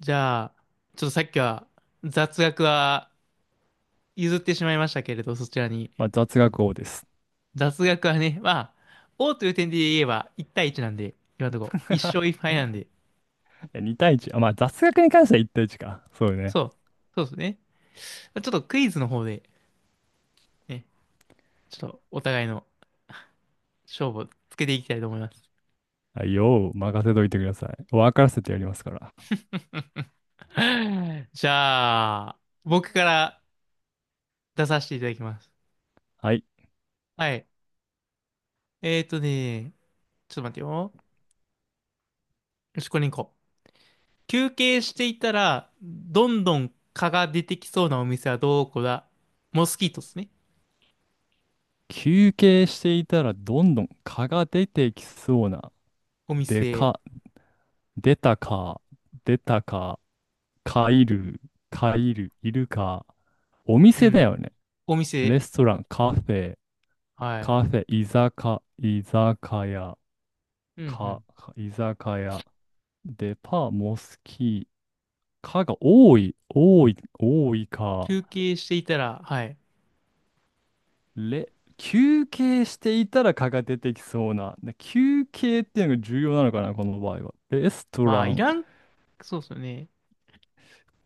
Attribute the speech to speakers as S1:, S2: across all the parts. S1: じゃあ、ちょっとさっきは雑学は譲ってしまいましたけれど、そちらに。
S2: まあ、雑学王です。
S1: 雑学はね、まあ、王という点で言えば1対1なんで、今のところ1勝 1
S2: い
S1: 敗なんで、
S2: や2対1。あ、まあ、雑学に関しては1対1か。そうね。
S1: そう、そうですね。ちょっとクイズの方で、ね、ちょっとお互いの勝負をつけていきたいと思います。
S2: はい、よー任せといてください。分からせてやりますから。
S1: じゃあ、僕から出させていただきます。
S2: はい。
S1: はい。えーとね、ちょっと待ってよ。よし、これに行こ休憩していたら、どんどん蚊が出てきそうなお店はどこだモスキートですね。
S2: 休憩していたらどんどん蚊が出てきそうな。
S1: お
S2: で
S1: 店。
S2: か、出たか、出たか、蚊いる、蚊いる、いるか。お
S1: う
S2: 店だ
S1: ん。
S2: よね。
S1: お
S2: レ
S1: 店。
S2: ストラン、カフェ、
S1: は
S2: カ
S1: い。
S2: フェ、居酒屋、
S1: うんう
S2: か、
S1: ん。
S2: 居酒屋、デパ、モスキー、かが多い、多い、多いか。
S1: 休憩していたら、はい。
S2: れ、休憩していたらかが出てきそうな。で休憩っていうのが重要なのかな、この場合は。レスト
S1: ま
S2: ラ
S1: あ、い
S2: ン、
S1: らん、そうですよね。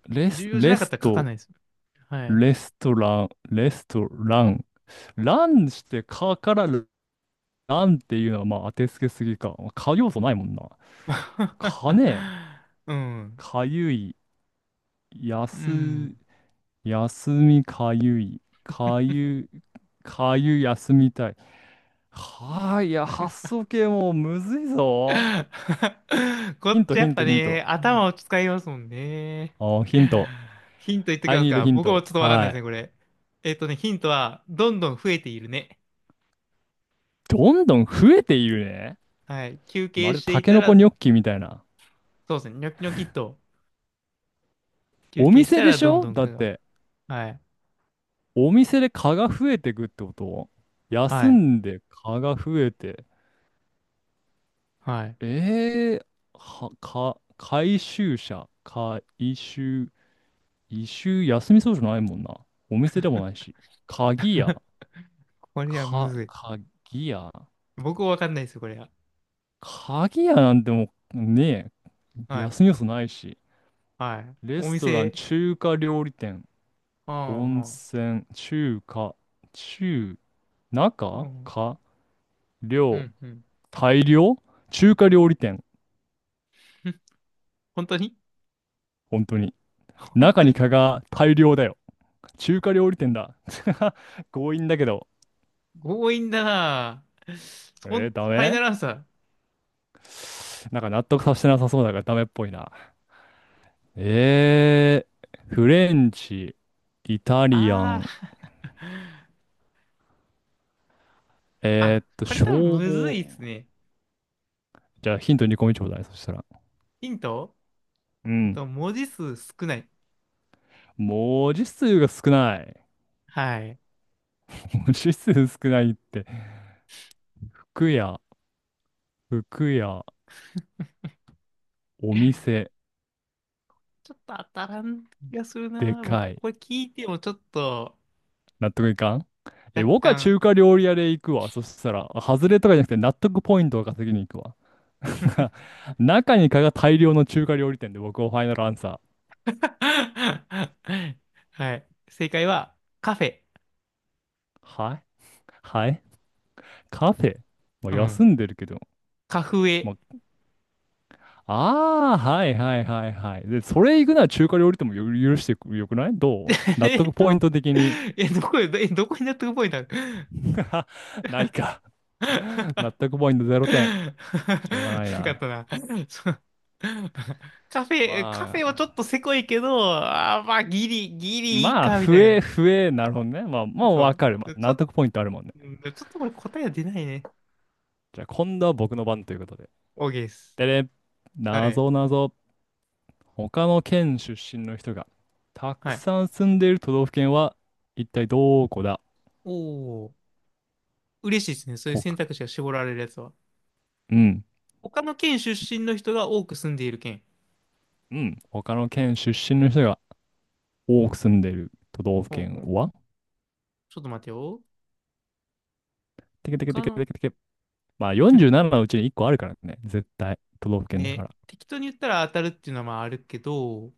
S2: レ
S1: 重
S2: ス、
S1: 要じゃ
S2: レ
S1: なかっ
S2: ス
S1: たら書か
S2: ト、
S1: ないです。はい。
S2: レストラン、レストラン。ランしてかからランっていうのはまあ当てつけすぎか。か要素ないもんな。かね、
S1: うん。
S2: かゆい、や
S1: う
S2: す、
S1: ん。
S2: 休みかゆい、かゆ、かゆ休みたい。はあ、いや、発想系もうむずいぞ。
S1: こ
S2: ヒ
S1: っ
S2: ント、
S1: ちや
S2: ヒ
S1: っ
S2: ン
S1: ぱ
S2: ト、ヒン
S1: ね、
S2: ト。
S1: 頭を使いますもんね。
S2: あー、ヒント。
S1: ヒント言ってき
S2: I
S1: ます
S2: need
S1: か
S2: ヒン
S1: 僕も
S2: ト。
S1: ちょっとわかんない
S2: は
S1: です
S2: い。
S1: ね、これ。ヒントは、どんどん増えているね。
S2: どんどん増えているね。
S1: はい。休
S2: ま
S1: 憩
S2: るで
S1: して
S2: タ
S1: い
S2: ケ
S1: た
S2: ノコ
S1: ら、
S2: ニョッキみたいな。
S1: そうですね、ニョキニョキっと、休
S2: お
S1: 憩し
S2: 店
S1: た
S2: で
S1: ら
S2: し
S1: どん
S2: ょ
S1: どん
S2: だっ
S1: くが。
S2: て、
S1: はい。
S2: お店で蚊が増えてくってこと休
S1: はい。
S2: んで蚊が増えて。
S1: はい。
S2: えー、は、か、回収者、回収、一周休みそうじゃないもんな。お店でもないし。鍵屋、
S1: これはむ
S2: か、
S1: ず
S2: 鍵屋。
S1: い。僕もわかんないですよ、これは。
S2: 鍵屋なんてもうねえ、
S1: はい。
S2: 休み要素ないし。
S1: はい。
S2: レ
S1: お
S2: ストラン、
S1: 店、
S2: 中華料理店、
S1: うん
S2: 温
S1: うん
S2: 泉、中華、中、
S1: う
S2: 中、
S1: ん
S2: か、
S1: う
S2: 量、
S1: ん、うん。
S2: 大量中華料理店。
S1: 本当に
S2: 本当に。
S1: 本
S2: 中
S1: 当
S2: に
S1: に
S2: 蚊が大量だよ。中華料理店だ。強引だけど。
S1: 強引だなぁ。ほん、
S2: えー、
S1: フ
S2: ダ
S1: ァイナ
S2: メ
S1: ルアンサー。
S2: なんか納得させてなさそうだからダメっぽいな。えー、フレンチ、イタリア
S1: ああ
S2: ン、
S1: あ、これ多分
S2: 消
S1: むず
S2: 防。
S1: いっすね。
S2: じゃあヒントに個目ちょうだい。そしたら。
S1: ヒント
S2: うん。
S1: 文字数少ない。
S2: 文字数が少ない。
S1: はい。
S2: 文字数少ないって、服屋、服屋、お店、
S1: ちょっと当たらん気がする
S2: で
S1: な。僕、
S2: かい。
S1: これ聞いてもちょっと
S2: 納得いかん
S1: 若
S2: え、僕は
S1: 干
S2: 中華料理屋で行くわ。そしたら、あ外れとかじゃなくて納得ポイントを稼ぎに行くわ。中に蚊が大量の中華料理店で僕はファイナルアンサ
S1: はい。正解は、カフェ。
S2: ー。はい、はい、カフェ。まあ、
S1: うん。
S2: 休んでるけど、
S1: カフ
S2: ま
S1: エ。
S2: あ、ああ、はいはいはいはい。で、それ行くなら中華料理店もよ許してくよくない どう納
S1: え
S2: 得
S1: っと、
S2: ポイント的に。
S1: え、どこ、え、どこに納得ポイントなる
S2: ないか。納 得ポイント 0点。
S1: な
S2: しょうがない
S1: かっ
S2: な。
S1: たな。そう。カフェ、カフ
S2: ま
S1: ェは
S2: あ、
S1: ちょっとせこいけど、あーまあ、ギリ、ギリいい
S2: まあ、
S1: か、みた
S2: 増
S1: いな。
S2: え、増え、なるほどね。まあ、まあ、わ
S1: そ
S2: かる。まあ、
S1: う。ち
S2: 納
S1: ょ、
S2: 得ポイントあるもんね。
S1: うんちょっとこれ答えは出ないね。
S2: じゃあ、今度は僕の番ということで。
S1: OK です。
S2: でね、
S1: は
S2: な
S1: い。
S2: ぞなぞ。他の県出身の人がた
S1: は
S2: く
S1: い。
S2: さん住んでいる都道府県は一体どこだ？
S1: おー。嬉しいですね。そういう
S2: ほ
S1: 選
S2: か、
S1: 択肢が絞られるやつは。
S2: うん、
S1: 他の県出身の人が多く住んでいる県。
S2: うん。他の県出身の人が多く住んでる都道府
S1: ほう
S2: 県
S1: ほう。
S2: は？
S1: ちょっと待てよ。
S2: てけてけて
S1: 他
S2: けて
S1: の、
S2: けてけ。まあ47のうちに1個あるからね。絶対。都道府県だか
S1: ね。
S2: ら。
S1: 適当に言ったら当たるっていうのはまああるけど、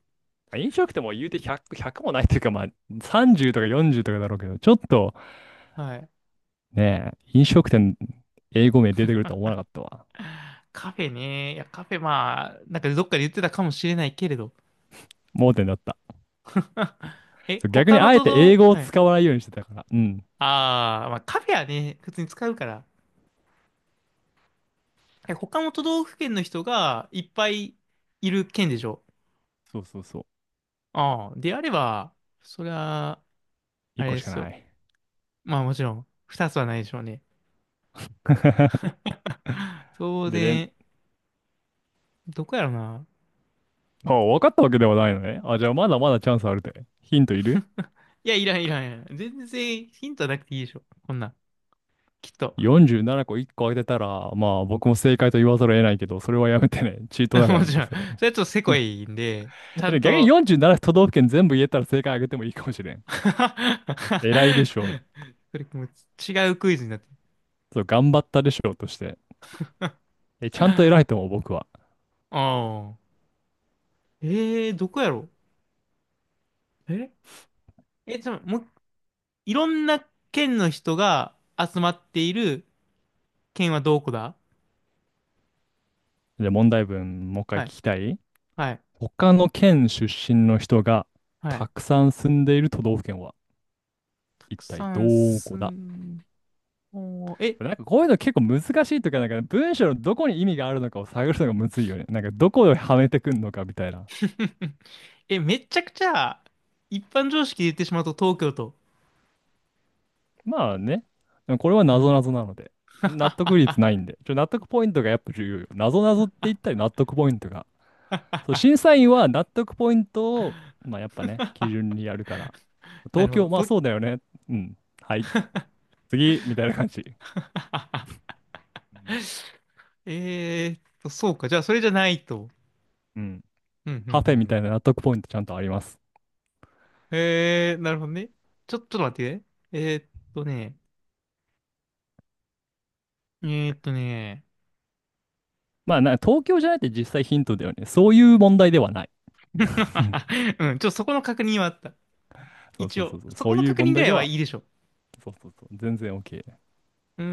S2: 飲食店も言うて100、ひゃくもないというか、まあ30とか40とかだろうけど、ちょっと
S1: はい。
S2: ね、飲食店、英語名出てくるとは思わなかったわ。
S1: カフェね。いや、カフェ、まあ、なんかどっかで言ってたかもしれないけれど。
S2: 盲点だった。
S1: え、
S2: 逆
S1: 他
S2: に
S1: の
S2: あえ
S1: 都
S2: て英
S1: 道、
S2: 語を
S1: はい。
S2: 使わないようにしてたから。うん。
S1: ああ、まあカフェはね、普通に使うから。え、他の都道府県の人がいっぱいいる県でしょ
S2: そうそうそ
S1: ああ、であれば、それは
S2: う。
S1: あ
S2: 1
S1: れ
S2: 個
S1: で
S2: しか
S1: す
S2: な
S1: よ。
S2: い。
S1: まあもちろん、二つはないでしょうね。当
S2: でね、
S1: 然、どこやろな。
S2: まあ、分かったわけではないのね。あ、じゃあまだまだチャンスあるで。ヒントいる？
S1: いや、いらん。全然ヒントなくていいでしょ。こんなん。きっと。
S2: 47個1個当てたら、まあ僕も正解と言わざるを得ないけど、それはやめてね。チートだ か
S1: も
S2: らね、
S1: ちろん。それは
S2: それ。
S1: ちょっとせこいんで、ちゃ
S2: で
S1: ん
S2: も逆に
S1: と、
S2: 47都道府県全部言えたら正解あげてもいいかもしれん。偉いでしょう。
S1: それもう違うクイズになってる。
S2: そう、頑張ったでしょうとして。え、ちゃ
S1: あ
S2: んと偉いと思う、僕は。
S1: あ。ええーどこやろええ、じゃあ、もう、いろんな県の人が集まっている県はどこだ
S2: で、問題文、もう一回聞
S1: はい。
S2: きたい。
S1: はい。
S2: 他の県出身の人が
S1: は
S2: た
S1: い。
S2: くさん住んでいる都道府県は
S1: た
S2: 一
S1: く
S2: 体ど
S1: さん
S2: こ
S1: 住
S2: だ？
S1: ん、おーえ、
S2: なんかこういうの結構難しいというか、なんか文章のどこに意味があるのかを探るのがむずいよね。なんかどこをはめてくんのかみたいな。
S1: え、めっちゃくちゃ、一般常識で言ってしまうと東京都。
S2: まあね。でもこれは
S1: はい
S2: 謎々なので。納得率ないんで。ちょ、納得ポイントがやっぱ重要よ。謎々って言ったり納得ポイントが。そう、審査員は納得ポイントを、まあやっぱね、基準にやるから。
S1: な
S2: 東
S1: るほ
S2: 京、
S1: ど。
S2: まあ
S1: と
S2: そうだ よね。うん。はい。次、みたいな感じ。うん。
S1: そうか。じゃあ、それじゃないと。
S2: うん。
S1: うん、うん、う
S2: カフェ
S1: ん。
S2: み
S1: う
S2: た
S1: ん
S2: いな納得ポイントちゃんとあります。
S1: えー、なるほどね。ちょ、ちょっと待ってね。ね、ね、
S2: まあな、東京じゃないって実際ヒントだよね。そういう問題ではない。
S1: うん、ちょ、そこの確認はあった。
S2: そう
S1: 一
S2: そうそう
S1: 応、
S2: そう。
S1: そ
S2: そ
S1: こ
S2: う
S1: の
S2: いう
S1: 確
S2: 問
S1: 認ぐ
S2: 題
S1: ら
S2: で
S1: いは
S2: は、
S1: いいでしょ。
S2: そうそうそう。全然 OK。
S1: うー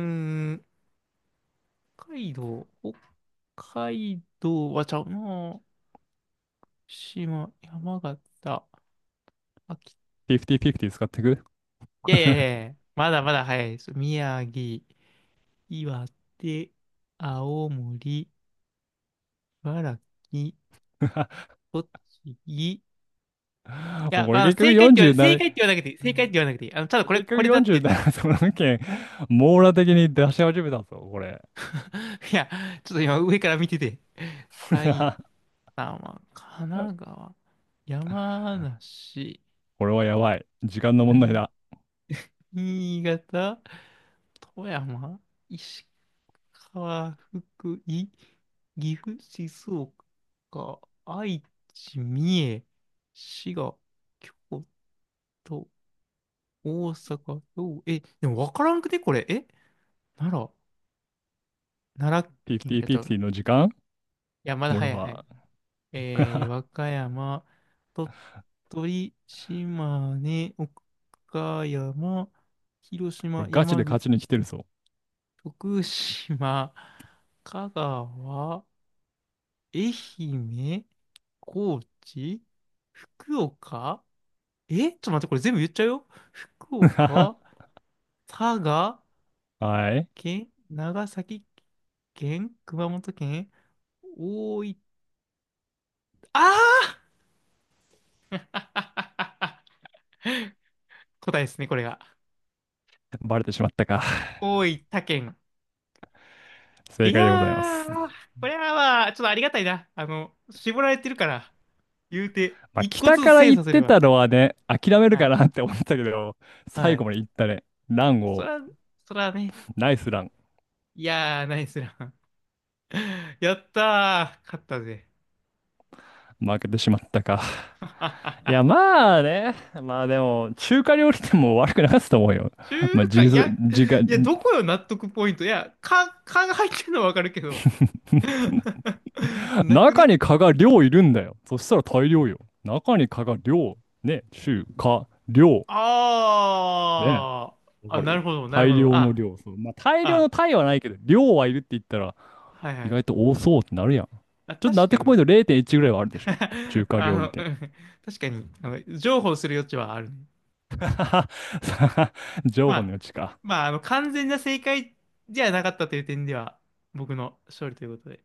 S1: ん、北海道、北海道はちゃうな。島、山形、秋、
S2: 50-50使ってく。
S1: いやいやいやい や、まだまだ早いです。宮城、岩手、青森、茨城、栃木、い
S2: もう
S1: や、
S2: これ
S1: あの、
S2: 結局
S1: 正
S2: 47、
S1: 解って言わなくていい。正解って言わなくていい。あの、ただこれ、
S2: 結
S1: こ
S2: 局
S1: れだって言っ
S2: 47都道府県、網羅的に出し始めたぞ、これ。
S1: いや、ちょっと今上から見てて。埼 玉、神奈川、山梨、
S2: これはやばい。時間の
S1: う
S2: 問題
S1: ん
S2: だ。
S1: 新潟、富山、石川、福井、岐阜、静岡、愛知、三重、滋賀、京都、大阪、兵庫え、でも分からんくね、これ。え、奈良、奈良県やっちゃうの。
S2: 50-50の時間
S1: いや、まだ
S2: 俺
S1: 早い早い。
S2: は。
S1: えー、和 歌山、鳥取、島根、岡山、広島、
S2: 俺ガチ
S1: 山
S2: で
S1: 口、
S2: 勝ちに来てるぞ。
S1: 徳島、香川、愛媛、高知、福岡えちょっと待って、これ全部言っちゃうよ。福岡、佐賀
S2: はい。
S1: 県、長崎県、熊本県、大分、ああー 答えですね、これが。
S2: バレてしまったか。
S1: 大分県。い
S2: 正解
S1: や
S2: でございます。
S1: ー、これはまあ、ちょっとありがたいな。あの、絞られてるから、言うて、
S2: まあ、
S1: 一個
S2: 北
S1: ずつ
S2: から
S1: 精
S2: 行
S1: 査
S2: っ
S1: すれ
S2: て
S1: ば。
S2: たのはね、諦める
S1: は
S2: か
S1: い。
S2: なって思ったけど、
S1: は
S2: 最後
S1: い。
S2: まで行ったね。ラン
S1: そ
S2: を、
S1: ら、そらね。
S2: ナイスラン。
S1: いやー、ナイスラン。やったー、勝ったぜ。
S2: 負けてしまったか。い や、まあね。まあでも、中華料理店も悪くなかったと思うよ。
S1: 中
S2: まあ、
S1: 華、
S2: じ、
S1: いや、
S2: じが、
S1: いや、どこよ、納得ポイント。いや、かが入ってるのはわかるけど。なく
S2: 中
S1: ね
S2: に蚊が量いるんだよ。そしたら大量よ。中に蚊が量、ね、中華、量、ね、
S1: あー。あ、
S2: わかる？
S1: なる
S2: 大
S1: ほど。
S2: 量の
S1: あ、
S2: 量。そう。まあ、大量の
S1: あ、
S2: 単位はないけど、量はいるって言ったら、
S1: はいは
S2: 意
S1: い。
S2: 外と多そうってなるやん。ち
S1: あ、
S2: ょっと納
S1: 確か
S2: 得ポ
S1: に。
S2: イント0.1ぐらいはあるでしょ。中 華
S1: あ
S2: 料理
S1: の、う
S2: 店。
S1: ん確かに、あの、譲歩する余地はあるね。
S2: 情
S1: ま
S2: 報の
S1: あ、
S2: 余地か。
S1: まあ、あの、完全な正解じゃなかったという点では、僕の勝利ということで。